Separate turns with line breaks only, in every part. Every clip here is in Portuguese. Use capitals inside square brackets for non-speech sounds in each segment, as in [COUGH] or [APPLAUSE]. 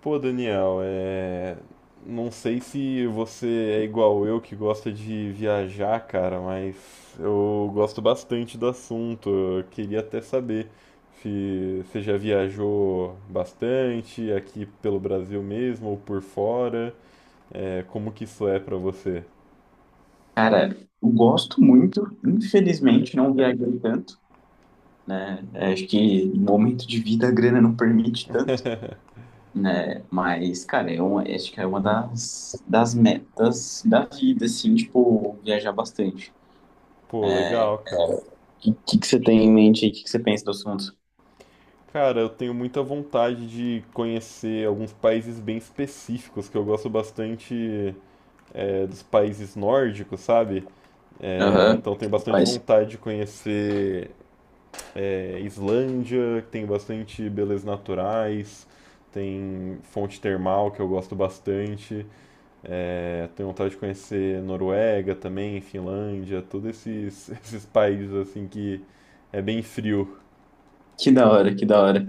Pô, Daniel, não sei se você é igual eu que gosta de viajar, cara, mas eu gosto bastante do assunto. Eu queria até saber se você já viajou bastante aqui pelo Brasil mesmo ou por fora, como que isso é pra você?
Cara, eu gosto muito, infelizmente não viajei tanto, né? É, acho que no momento de vida a grana não permite tanto, né? Mas, cara, acho que é uma das metas da vida, assim, tipo, viajar bastante. O
Pô, legal, cara.
que, que você tem em mente aí? O que, que você pensa do assunto?
Cara, eu tenho muita vontade de conhecer alguns países bem específicos que eu gosto bastante dos países nórdicos, sabe? É,
Aham.
então tenho bastante
Rapaz,
vontade de conhecer, Islândia, que tem bastante belezas naturais, tem fonte termal que eu gosto bastante. É, tenho vontade de conhecer Noruega também, Finlândia, todos esses, [LAUGHS] esses países assim que é bem frio.
que da hora, que da hora.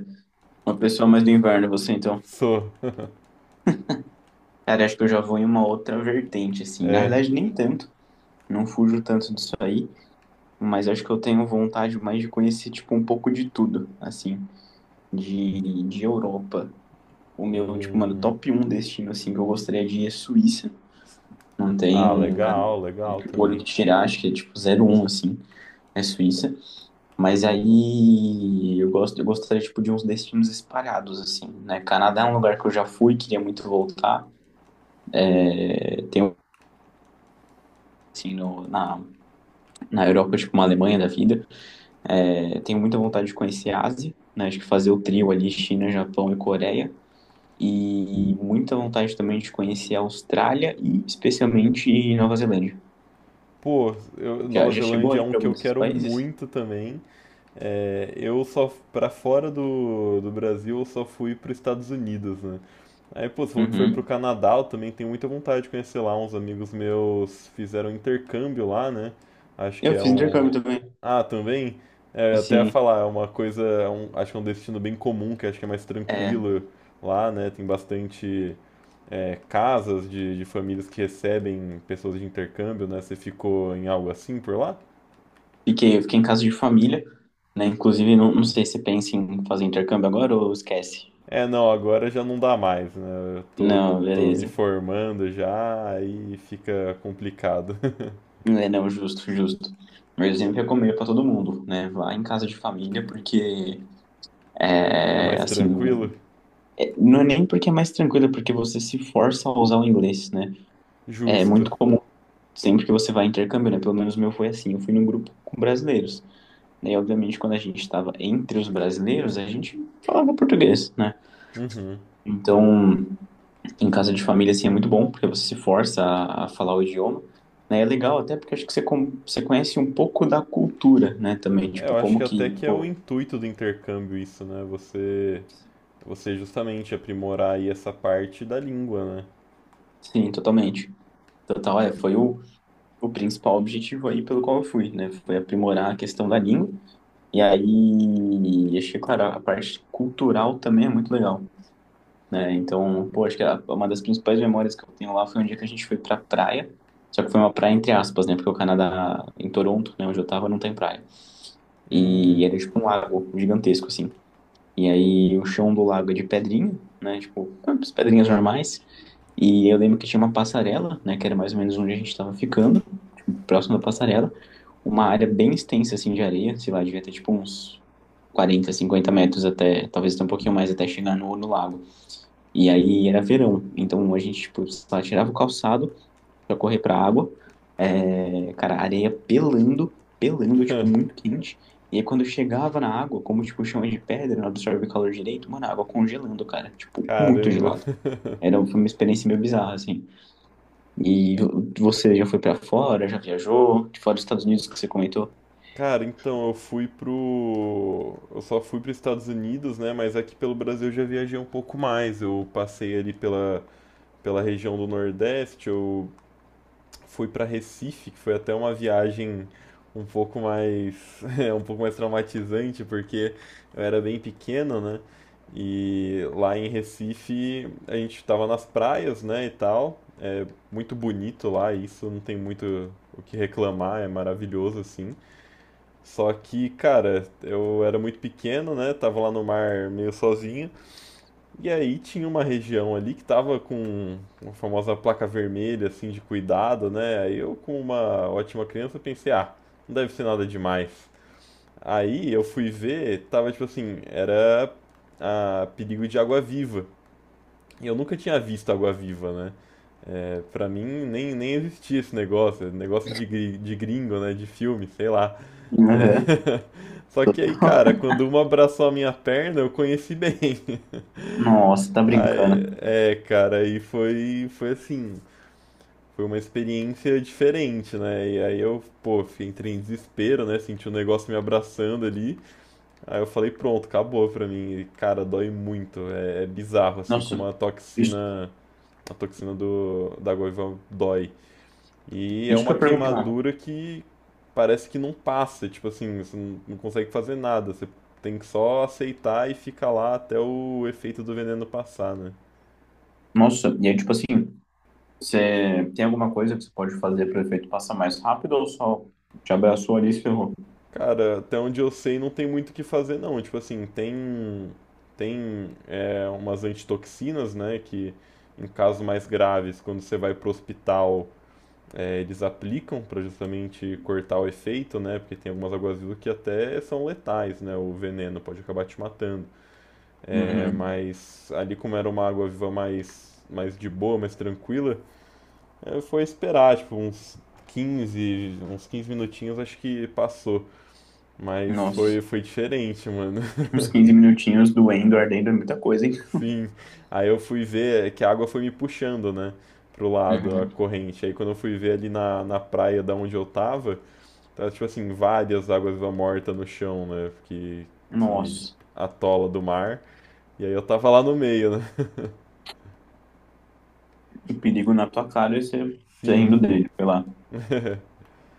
Uma pessoa mais do inverno, você então.
Sou.
Cara, acho que eu já vou em uma outra vertente, assim. Na
É.
verdade, nem tanto, não fujo tanto disso aí. Mas acho que eu tenho vontade mais de conhecer, tipo, um pouco de tudo, assim, de Europa. O meu, tipo, mano,
Hum,
top um destino, assim, que eu gostaria de ir é Suíça. Não
ah,
tem, cara,
legal, legal
o olho
também.
que tirar, acho que é, tipo, zero um assim, é Suíça. Mas aí eu gostaria, tipo, de uns destinos espalhados, assim, né? Canadá é um lugar que eu já fui, queria muito voltar. É, tem, assim, no, na, na Europa, tipo, uma Alemanha da vida. É, tenho muita vontade de conhecer a Ásia, né? Acho que fazer o trio ali, China, Japão e Coreia. E muita vontade também de conhecer a Austrália e especialmente Nova Zelândia.
Pô,
Já,
Nova
já chegou
Zelândia é
aí
um
para
que
algum
eu
desses
quero
países?
muito também. É, eu só, pra fora do Brasil, eu só fui para os Estados Unidos, né? Aí, pô, você falou que foi pro
Uhum.
Canadá, eu também tenho muita vontade de conhecer lá. Uns amigos meus fizeram um intercâmbio lá, né? Acho que
Eu
é
fiz intercâmbio
um.
também.
Ah, também? É, eu até ia
Assim,
falar, é uma coisa. Acho que é um destino bem comum, que acho que é mais
é,
tranquilo lá, né? Tem bastante, casas de famílias que recebem pessoas de intercâmbio, né? Você ficou em algo assim por lá?
eu fiquei em casa de família, né? Inclusive, não sei se você pensa em fazer intercâmbio agora ou esquece.
É, não, agora já não dá mais, né?
Não,
Tô me
beleza.
formando já, aí fica complicado. [LAUGHS]
É, não, justo, justo. Mas eu sempre recomendo para todo mundo, né? Vá em casa de família, porque,
É
é,
mais
assim,
tranquilo?
é, não é nem porque é mais tranquilo, é porque você se força a usar o inglês, né? É
Justo.
muito comum sempre que você vai a intercâmbio, né? Pelo menos o meu foi assim, eu fui num grupo com brasileiros, né? E obviamente quando a gente estava entre os brasileiros, a gente falava português, né?
Uhum.
Então, em casa de família, assim, é muito bom, porque você se força a falar o idioma. Né? É legal até porque acho que você, você conhece um pouco da cultura, né? Também,
É,
tipo,
eu acho
como
que
que...
até que é o
Pô,
intuito do intercâmbio isso, né? Você justamente aprimorar aí essa parte da língua, né?
sim, totalmente. Total, é, foi o principal objetivo aí pelo qual eu fui, né? Foi aprimorar a questão da língua. E aí, acho que, claro, a parte cultural também é muito legal, né? Então, pô, acho que uma das principais memórias que eu tenho lá foi um dia que a gente foi pra praia, só que foi uma praia entre aspas, né? Porque o Canadá, em Toronto, né, onde eu tava, não tem praia. E
Hum,
era tipo um lago gigantesco, assim. E aí, o chão do lago é de pedrinha, né? Tipo, as pedrinhas normais. E eu lembro que tinha uma passarela, né? Que era mais ou menos onde a gente tava ficando, tipo, próximo da passarela. Uma área bem extensa, assim, de areia, sei lá, devia ter tipo uns 40, 50 metros até, talvez até um pouquinho mais, até chegar no lago. E aí era verão, então a gente, tipo, só tirava o calçado pra correr pra água, é, cara, areia pelando, pelando, tipo, muito quente. E aí quando eu chegava na água, como, tipo, o chão é de pedra, não absorve o calor direito, mano, a água congelando, cara, tipo, muito
caramba.
gelado.
[LAUGHS]
Foi uma experiência meio bizarra, assim. E você já foi pra fora, já viajou, de fora dos Estados Unidos que você comentou?
Cara, então eu só fui para os Estados Unidos, né? Mas aqui pelo Brasil eu já viajei um pouco mais. Eu passei ali pela região do Nordeste, eu fui para Recife, que foi até uma viagem um pouco mais [LAUGHS] um pouco mais traumatizante, porque eu era bem pequeno, né? E lá em Recife a gente estava nas praias, né, e tal. Muito bonito lá, isso não tem muito o que reclamar, é maravilhoso assim. Só que, cara, eu era muito pequeno, né? Tava lá no mar meio sozinho. E aí tinha uma região ali que tava com uma famosa placa vermelha, assim, de cuidado, né? Aí eu, com uma ótima criança, pensei, ah, não deve ser nada demais. Aí eu fui ver, tava tipo assim, era a perigo de água-viva. E eu nunca tinha visto água-viva, né? É, pra mim nem existia esse negócio, é negócio de, de gringo, né? De filme, sei lá. É.
Aham.
[LAUGHS] Só que aí, cara, quando uma abraçou a minha perna, eu conheci bem. [LAUGHS]
Nossa, tá
Ai,
brincando.
é, cara, foi assim, foi uma experiência diferente, né? E aí eu, pô, entrei em desespero, né? Senti um negócio me abraçando ali. Aí eu falei, pronto, acabou pra mim. E, cara, dói muito. É, é bizarro, assim, como
Nossa, isso...
a toxina da goiva dói. E é
Isso que
uma
eu ia perguntar.
queimadura que parece que não passa, tipo assim, você não consegue fazer nada. Você tem que só aceitar e ficar lá até o efeito do veneno passar, né?
Nossa, e aí, tipo assim, você tem alguma coisa que você pode fazer para o efeito passar mais rápido ou só te abraçou ali e se ferrou?
Cara, até onde eu sei, não tem muito o que fazer, não. Tipo assim, tem, umas antitoxinas, né, que em casos mais graves, quando você vai pro hospital, eles aplicam para justamente cortar o efeito, né, porque tem algumas aguazilas que até são letais, né, o veneno pode acabar te matando. É,
Uhum.
mas ali, como era uma água-viva mais de boa, mais tranquila, é, foi esperar, tipo, uns 15 minutinhos, acho que passou. Mas
Nossa,
foi diferente, mano.
[LAUGHS] uns 15 minutinhos doendo, ardendo é muita coisa, hein?
[LAUGHS] Sim. Aí eu fui ver que a água foi me puxando, né? Pro lado, a
Uhum.
corrente. Aí quando eu fui ver ali na praia da onde eu tava, tava tipo assim, várias águas viva morta no chão, né? Que
Nossa,
atola do mar. E aí eu tava lá no meio, né?
o perigo na tua cara e você,
[LAUGHS]
você
Sim.
rindo dele, sei lá.
[LAUGHS]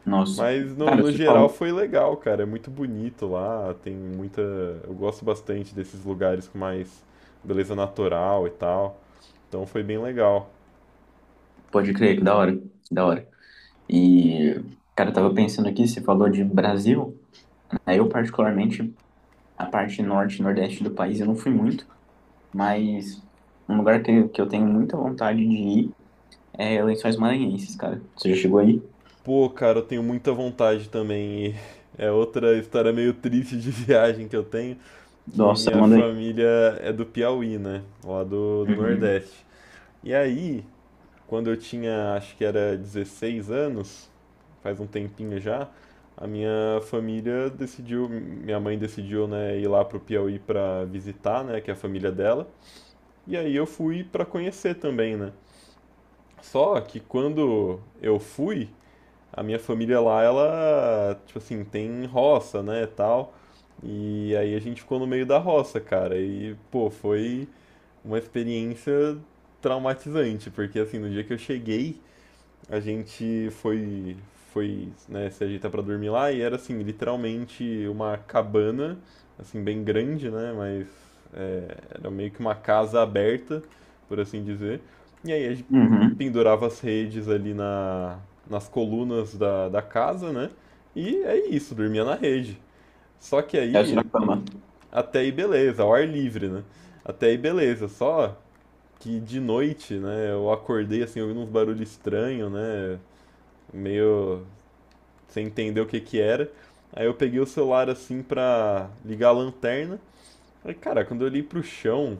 Nossa,
Mas
cara,
no
você
geral
falou.
foi legal, cara. É muito bonito lá. Tem muita. Eu gosto bastante desses lugares com mais beleza natural e tal. Então foi bem legal.
Pode crer, que da hora, que da hora. E, cara, eu tava pensando aqui, você falou de Brasil, né? Eu, particularmente, a parte norte e nordeste do país, eu não fui muito. Mas um lugar que eu tenho muita vontade de ir é Lençóis Maranhenses, cara. Você já chegou aí?
Pô, cara, eu tenho muita vontade também. E é outra história meio triste de [LAUGHS] viagem que eu tenho, que
Nossa,
minha
manda aí.
família é do Piauí, né? Lá do
Uhum.
Nordeste. E aí, quando eu tinha, acho que era 16 anos, faz um tempinho já, a minha família decidiu, minha mãe decidiu, né, ir lá pro Piauí pra visitar, né, que é a família dela. E aí eu fui pra conhecer também, né? Só que quando eu fui, a minha família lá, ela, tipo assim, tem roça, né, tal. E aí a gente ficou no meio da roça, cara. E, pô, foi uma experiência traumatizante, porque assim, no dia que eu cheguei, a gente foi, né, se ajeitar pra dormir lá e era assim, literalmente uma cabana, assim, bem grande, né, mas é, era meio que uma casa aberta, por assim dizer. E aí a
Uhum.
pendurava as redes ali nas colunas da casa, né? E é isso, dormia na rede. Só que
É o
aí,
Sorocaba.
até aí beleza, ao ar livre, né? Até aí beleza, só que de noite, né, eu acordei assim, ouvindo uns barulhos estranhos, né? Meio sem entender o que que era. Aí eu peguei o celular assim pra ligar a lanterna. Aí, cara, quando eu olhei pro chão,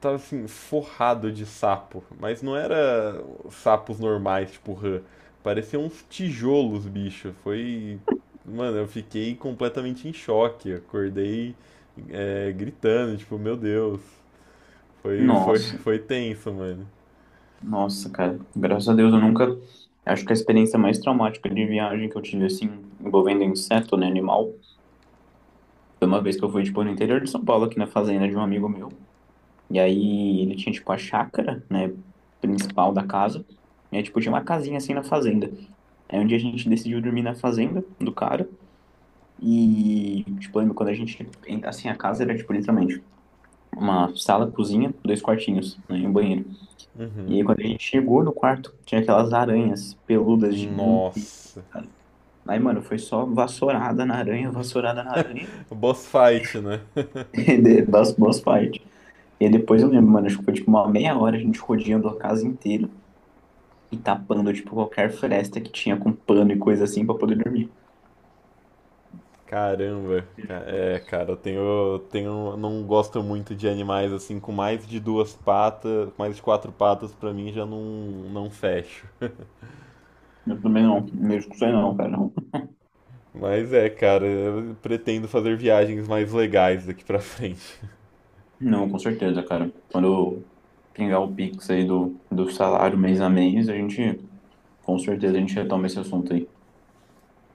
tava assim, forrado de sapo. Mas não era sapos normais, tipo rã. Pareciam uns tijolos, bicho. Foi. Mano, eu fiquei completamente em choque. Acordei, gritando, tipo, meu Deus.
Nossa,
Foi tenso, mano.
nossa, cara. Graças a Deus eu nunca. Acho que a experiência mais traumática de viagem que eu tive, assim, envolvendo inseto, né, animal, foi uma vez que eu fui, tipo, no interior de São Paulo, aqui na fazenda de um amigo meu. E aí ele tinha, tipo, a chácara, né, principal da casa. E aí, tipo, tinha uma casinha assim na fazenda. Aí um dia a gente decidiu dormir na fazenda do cara. E, tipo, lembro quando a gente... Assim, a casa era, tipo, literalmente uma sala, cozinha, dois quartinhos, né, e um banheiro. E aí, quando a gente chegou no quarto, tinha aquelas aranhas peludas gigantescas,
Nossa.
cara. Aí, mano, foi só vassourada na aranha,
Boss fight, né? [LAUGHS]
[LAUGHS] e das boas partes. E aí depois eu lembro, mano, acho que foi, tipo, uma meia hora a gente rodeando a casa inteira e tapando, tipo, qualquer fresta que tinha com pano e coisa assim pra poder dormir.
Caramba.
Eu acho que foi
É,
isso.
cara, eu tenho, não gosto muito de animais assim com mais de duas patas, mais de quatro patas pra mim já não fecho.
Eu também não, mesmo que sei não, cara.
Mas é, cara, eu pretendo fazer viagens mais legais daqui pra frente.
Não, com certeza, cara. Quando eu pingar o Pix aí do salário mês a mês, a gente, com certeza, a gente retoma esse assunto aí.